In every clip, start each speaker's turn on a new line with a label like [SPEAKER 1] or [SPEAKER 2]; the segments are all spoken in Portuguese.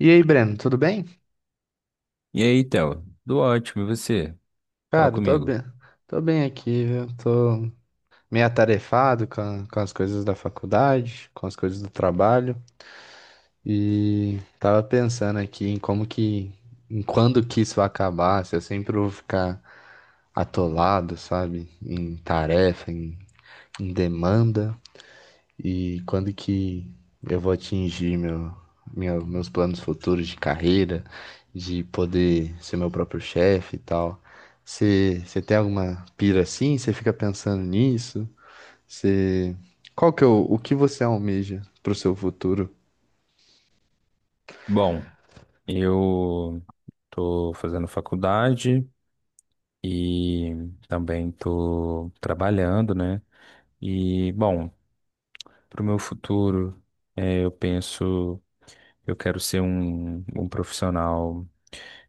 [SPEAKER 1] E aí, Breno, tudo bem?
[SPEAKER 2] E aí, Telo? Tudo ótimo, e você? Fala
[SPEAKER 1] Cara,
[SPEAKER 2] comigo.
[SPEAKER 1] tô bem aqui, viu? Tô meio atarefado com, com as coisas da faculdade, com as coisas do trabalho e tava pensando aqui em como que, em quando que isso vai acabar, se eu sempre vou ficar atolado, sabe? Em tarefa, em, em demanda. E quando que eu vou atingir meu, meus planos futuros de carreira, de poder ser meu próprio chefe e tal? Você tem alguma pira assim? Você fica pensando nisso? Você, qual que é o que você almeja pro seu futuro?
[SPEAKER 2] Bom, eu tô fazendo faculdade e também tô trabalhando, né? E bom, pro meu futuro, eu penso, eu quero ser um profissional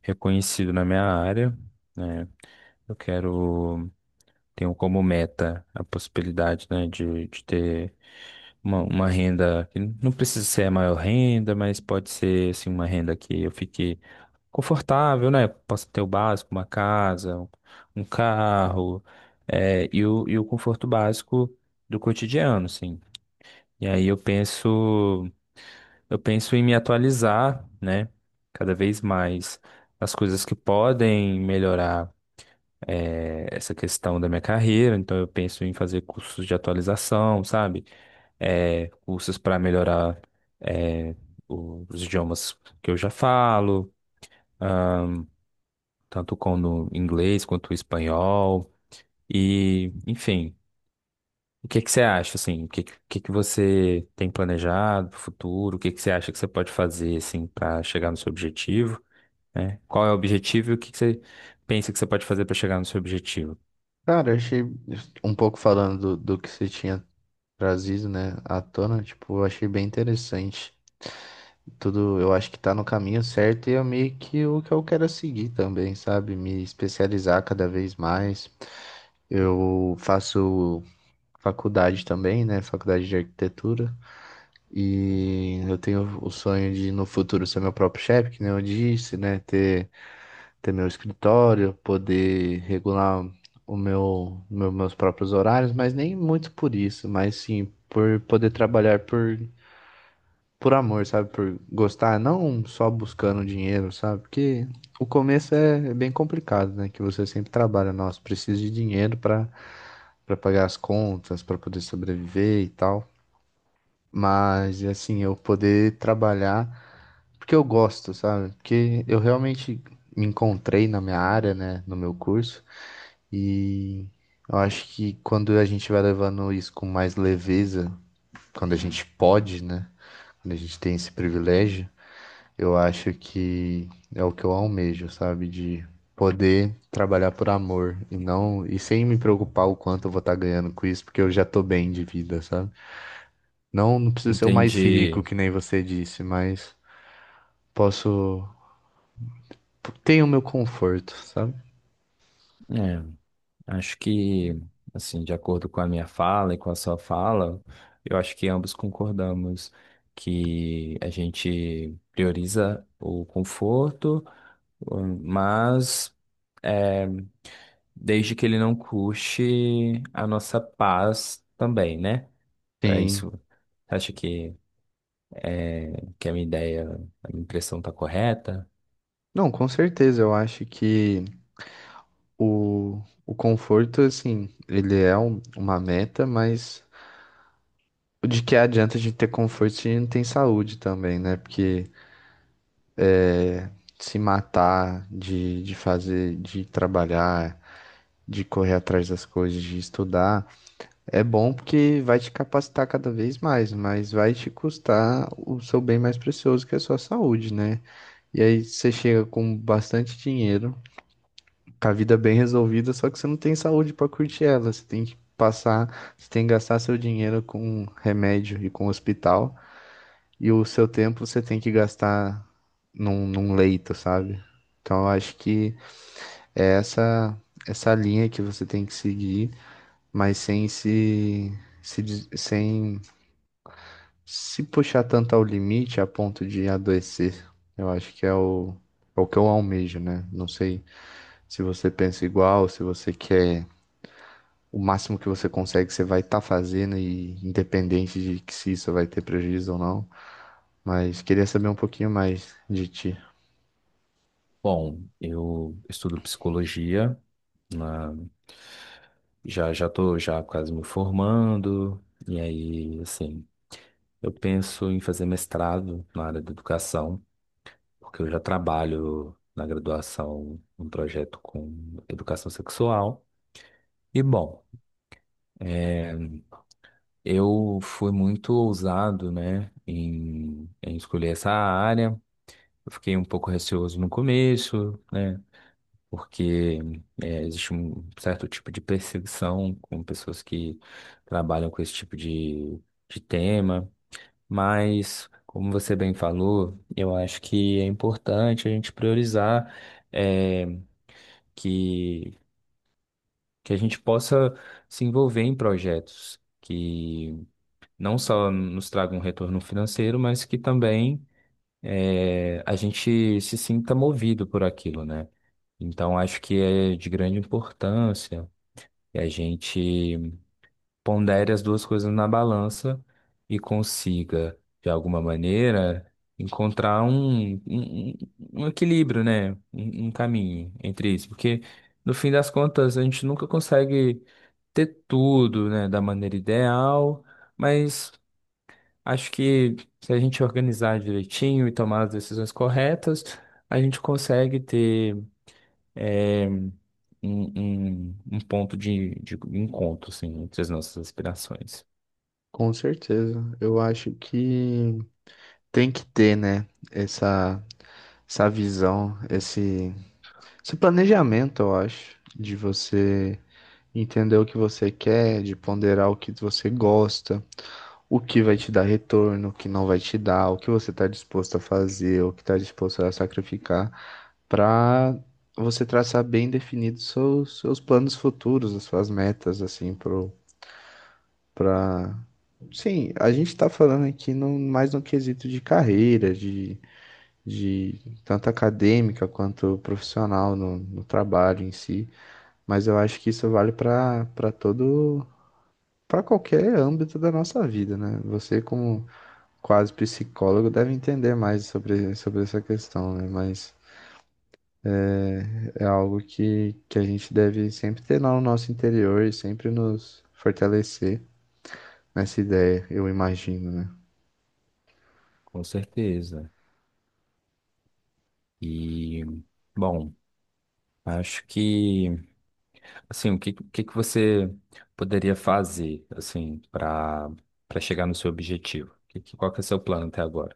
[SPEAKER 2] reconhecido na minha área, né? Eu quero, tenho como meta a possibilidade, né, de ter uma renda que não precisa ser a maior renda, mas pode ser assim uma renda que eu fique confortável, né? Posso ter o básico, uma casa, um carro, é, e o conforto básico do cotidiano, assim. E aí eu penso em me atualizar, né? Cada vez mais as coisas que podem melhorar. É, essa questão da minha carreira, então eu penso em fazer cursos de atualização, sabe? É, cursos para melhorar, é, os idiomas que eu já falo, ah, tanto como inglês quanto espanhol. E, enfim, o que que você acha, assim? Que você tem planejado para o futuro? O que que você acha que você pode fazer, assim, para chegar no seu objetivo? Né? Qual é o objetivo e o que que você pensa que você pode fazer para chegar no seu objetivo?
[SPEAKER 1] Cara, eu achei um pouco falando do, do que você tinha trazido, né, à tona, tipo, eu achei bem interessante. Tudo, eu acho que tá no caminho certo e é meio que o que eu quero seguir também, sabe? Me especializar cada vez mais. Eu faço faculdade também, né? Faculdade de arquitetura. E eu tenho o sonho de, no futuro, ser meu próprio chefe, que nem eu disse, né? Ter, ter meu escritório, poder regular o meu, meus próprios horários, mas nem muito por isso, mas sim por poder trabalhar por amor, sabe? Por gostar, não só buscando dinheiro, sabe? Porque o começo é, é bem complicado, né? Que você sempre trabalha, nossa, preciso de dinheiro para pagar as contas, para poder sobreviver e tal. Mas assim, eu poder trabalhar porque eu gosto, sabe? Porque eu realmente me encontrei na minha área, né, no meu curso e eu acho que quando a gente vai levando isso com mais leveza, quando a gente pode, né, quando a gente tem esse privilégio, eu acho que é o que eu almejo, sabe? De poder trabalhar por amor e não sem me preocupar o quanto eu vou estar ganhando com isso, porque eu já tô bem de vida, sabe? Não preciso ser o mais rico
[SPEAKER 2] Entendi.
[SPEAKER 1] que nem você disse, mas posso tenho o meu conforto, sabe?
[SPEAKER 2] É, acho que, assim, de acordo com a minha fala e com a sua fala, eu acho que ambos concordamos que a gente prioriza o conforto, mas é, desde que ele não custe a nossa paz também, né? É
[SPEAKER 1] Sim.
[SPEAKER 2] isso. Você acha que a minha ideia, a minha impressão está correta?
[SPEAKER 1] Não, com certeza, eu acho que o conforto, assim, ele é uma meta, mas de que adianta a gente ter conforto se a gente não tem saúde também, né? Porque se matar, de fazer, de trabalhar, de correr atrás das coisas, de estudar, é bom porque vai te capacitar cada vez mais, mas vai te custar o seu bem mais precioso, que é a sua saúde, né? E aí você chega com bastante dinheiro, com a vida bem resolvida, só que você não tem saúde para curtir ela, você tem que passar, você tem que gastar seu dinheiro com remédio e com hospital, e o seu tempo você tem que gastar num, num leito, sabe? Então eu acho que é essa essa linha que você tem que seguir, mas sem se, sem se puxar tanto ao limite a ponto de adoecer. Eu acho que é o, é o que eu almejo, né? Não sei se você pensa igual, se você quer o máximo que você consegue, você vai estar fazendo e independente de que se isso vai ter prejuízo ou não. Mas queria saber um pouquinho mais de ti.
[SPEAKER 2] Bom, eu estudo psicologia, na- já já tô já quase me formando, e aí, assim. Eu penso em fazer mestrado na área da educação, porque eu já trabalho na graduação um projeto com educação sexual. E bom, é, eu fui muito ousado, né, em, em escolher essa área. Eu fiquei um pouco receoso no começo, né, porque é, existe um certo tipo de perseguição com pessoas que trabalham com esse tipo de tema. Mas, como você bem falou, eu acho que é importante a gente priorizar, eh, que, que a gente possa se envolver em projetos que não só nos tragam um retorno financeiro, mas que também, a gente se sinta movido por aquilo, né? Então, acho que é de grande importância que a gente pondere as duas coisas na balança e consiga, de alguma maneira, encontrar um equilíbrio, né? Um caminho entre isso. Porque, no fim das contas, a gente nunca consegue ter tudo, né, da maneira ideal, mas acho que se a gente organizar direitinho e tomar as decisões corretas, a gente consegue ter, eh, um ponto de encontro, assim, entre as nossas aspirações.
[SPEAKER 1] Com certeza. Eu acho que tem que ter, né? Essa visão, esse planejamento, eu acho, de você entender o que você quer, de ponderar o que você gosta, o que vai te dar retorno, o que não vai te dar, o que você está disposto a fazer, o que está disposto a sacrificar, para você traçar bem definido seus, seus planos futuros, as suas metas, assim, pro, pra... Sim, a gente tá falando aqui no, mais no quesito de carreira, de tanto acadêmica quanto profissional no, no trabalho em si, mas eu acho que isso vale para todo para qualquer âmbito da nossa vida, né? Você como quase psicólogo deve entender mais sobre, sobre essa questão, né? Mas é algo que a gente deve sempre ter no nosso interior e sempre nos fortalecer nessa ideia, eu imagino, né?
[SPEAKER 2] Com certeza. E, bom, acho que, assim, o que que você poderia fazer, assim, para para chegar no seu objetivo? Que, qual que é o seu plano até agora?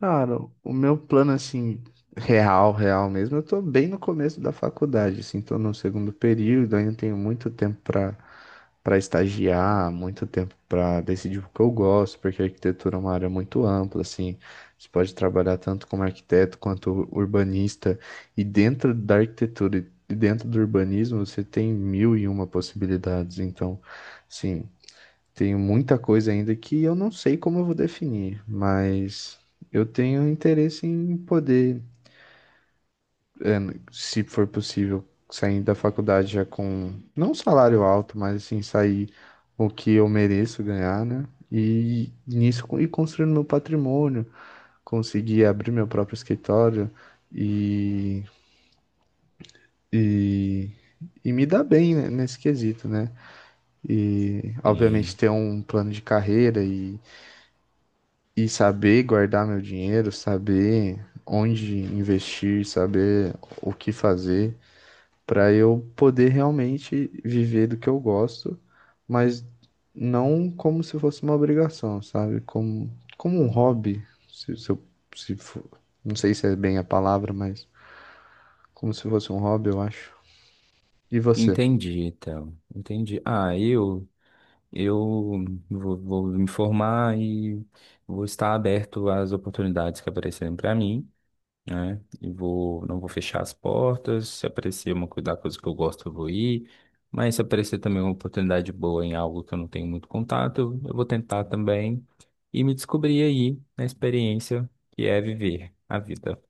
[SPEAKER 1] Cara, o meu plano, assim, real, real mesmo, eu tô bem no começo da faculdade, assim, tô no segundo período, ainda tenho muito tempo pra, pra estagiar, muito tempo pra decidir o que eu gosto, porque a arquitetura é uma área muito ampla, assim, você pode trabalhar tanto como arquiteto quanto urbanista, e dentro da arquitetura e dentro do urbanismo você tem mil e uma possibilidades, então, sim. Tenho muita coisa ainda que eu não sei como eu vou definir, mas eu tenho interesse em poder, se for possível, sair da faculdade já com não um salário alto, mas assim, sair o que eu mereço ganhar, né? E nisso ir construindo meu patrimônio, conseguir abrir meu próprio escritório e, e, e me dar bem né, nesse quesito, né? E obviamente
[SPEAKER 2] Sim.
[SPEAKER 1] ter um plano de carreira e saber guardar meu dinheiro, saber onde investir, saber o que fazer, para eu poder realmente viver do que eu gosto, mas não como se fosse uma obrigação, sabe? Como, como um hobby, se eu, se for- não sei se é bem a palavra, mas como se fosse um hobby, eu acho. E você?
[SPEAKER 2] Entendi, então. Entendi. Ah, eu vou, vou me formar e vou estar aberto às oportunidades que aparecerem para mim. Né? E vou, não vou fechar as portas. Se aparecer uma coisa da coisa que eu gosto, eu vou ir. Mas se aparecer também uma oportunidade boa em algo que eu não tenho muito contato, eu vou tentar também e me descobrir aí na experiência que é viver a vida.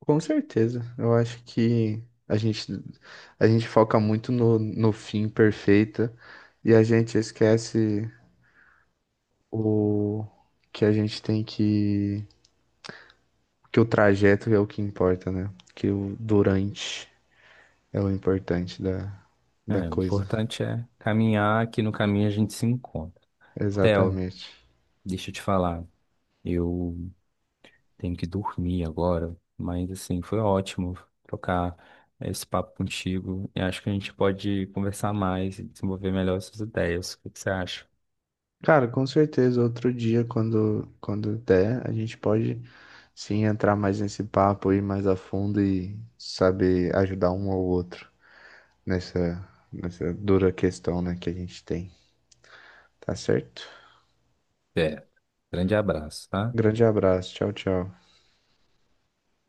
[SPEAKER 1] Com certeza, eu acho que a gente, a gente foca muito no, no fim perfeito e a gente esquece o que a gente tem que o trajeto é o que importa, né? Que o durante é o importante da, da
[SPEAKER 2] É, o
[SPEAKER 1] coisa.
[SPEAKER 2] importante é caminhar, que no caminho a gente se encontra. Theo,
[SPEAKER 1] Exatamente.
[SPEAKER 2] deixa eu te falar. Eu tenho que dormir agora, mas assim, foi ótimo trocar esse papo contigo. E acho que a gente pode conversar mais e desenvolver melhor essas ideias. O que que você acha?
[SPEAKER 1] Cara, com certeza, outro dia, quando, quando der, a gente pode sim entrar mais nesse papo, ir mais a fundo e saber ajudar um ao outro nessa, nessa dura questão, né, que a gente tem. Tá certo?
[SPEAKER 2] É. Grande abraço, tá?
[SPEAKER 1] Grande abraço. Tchau, tchau.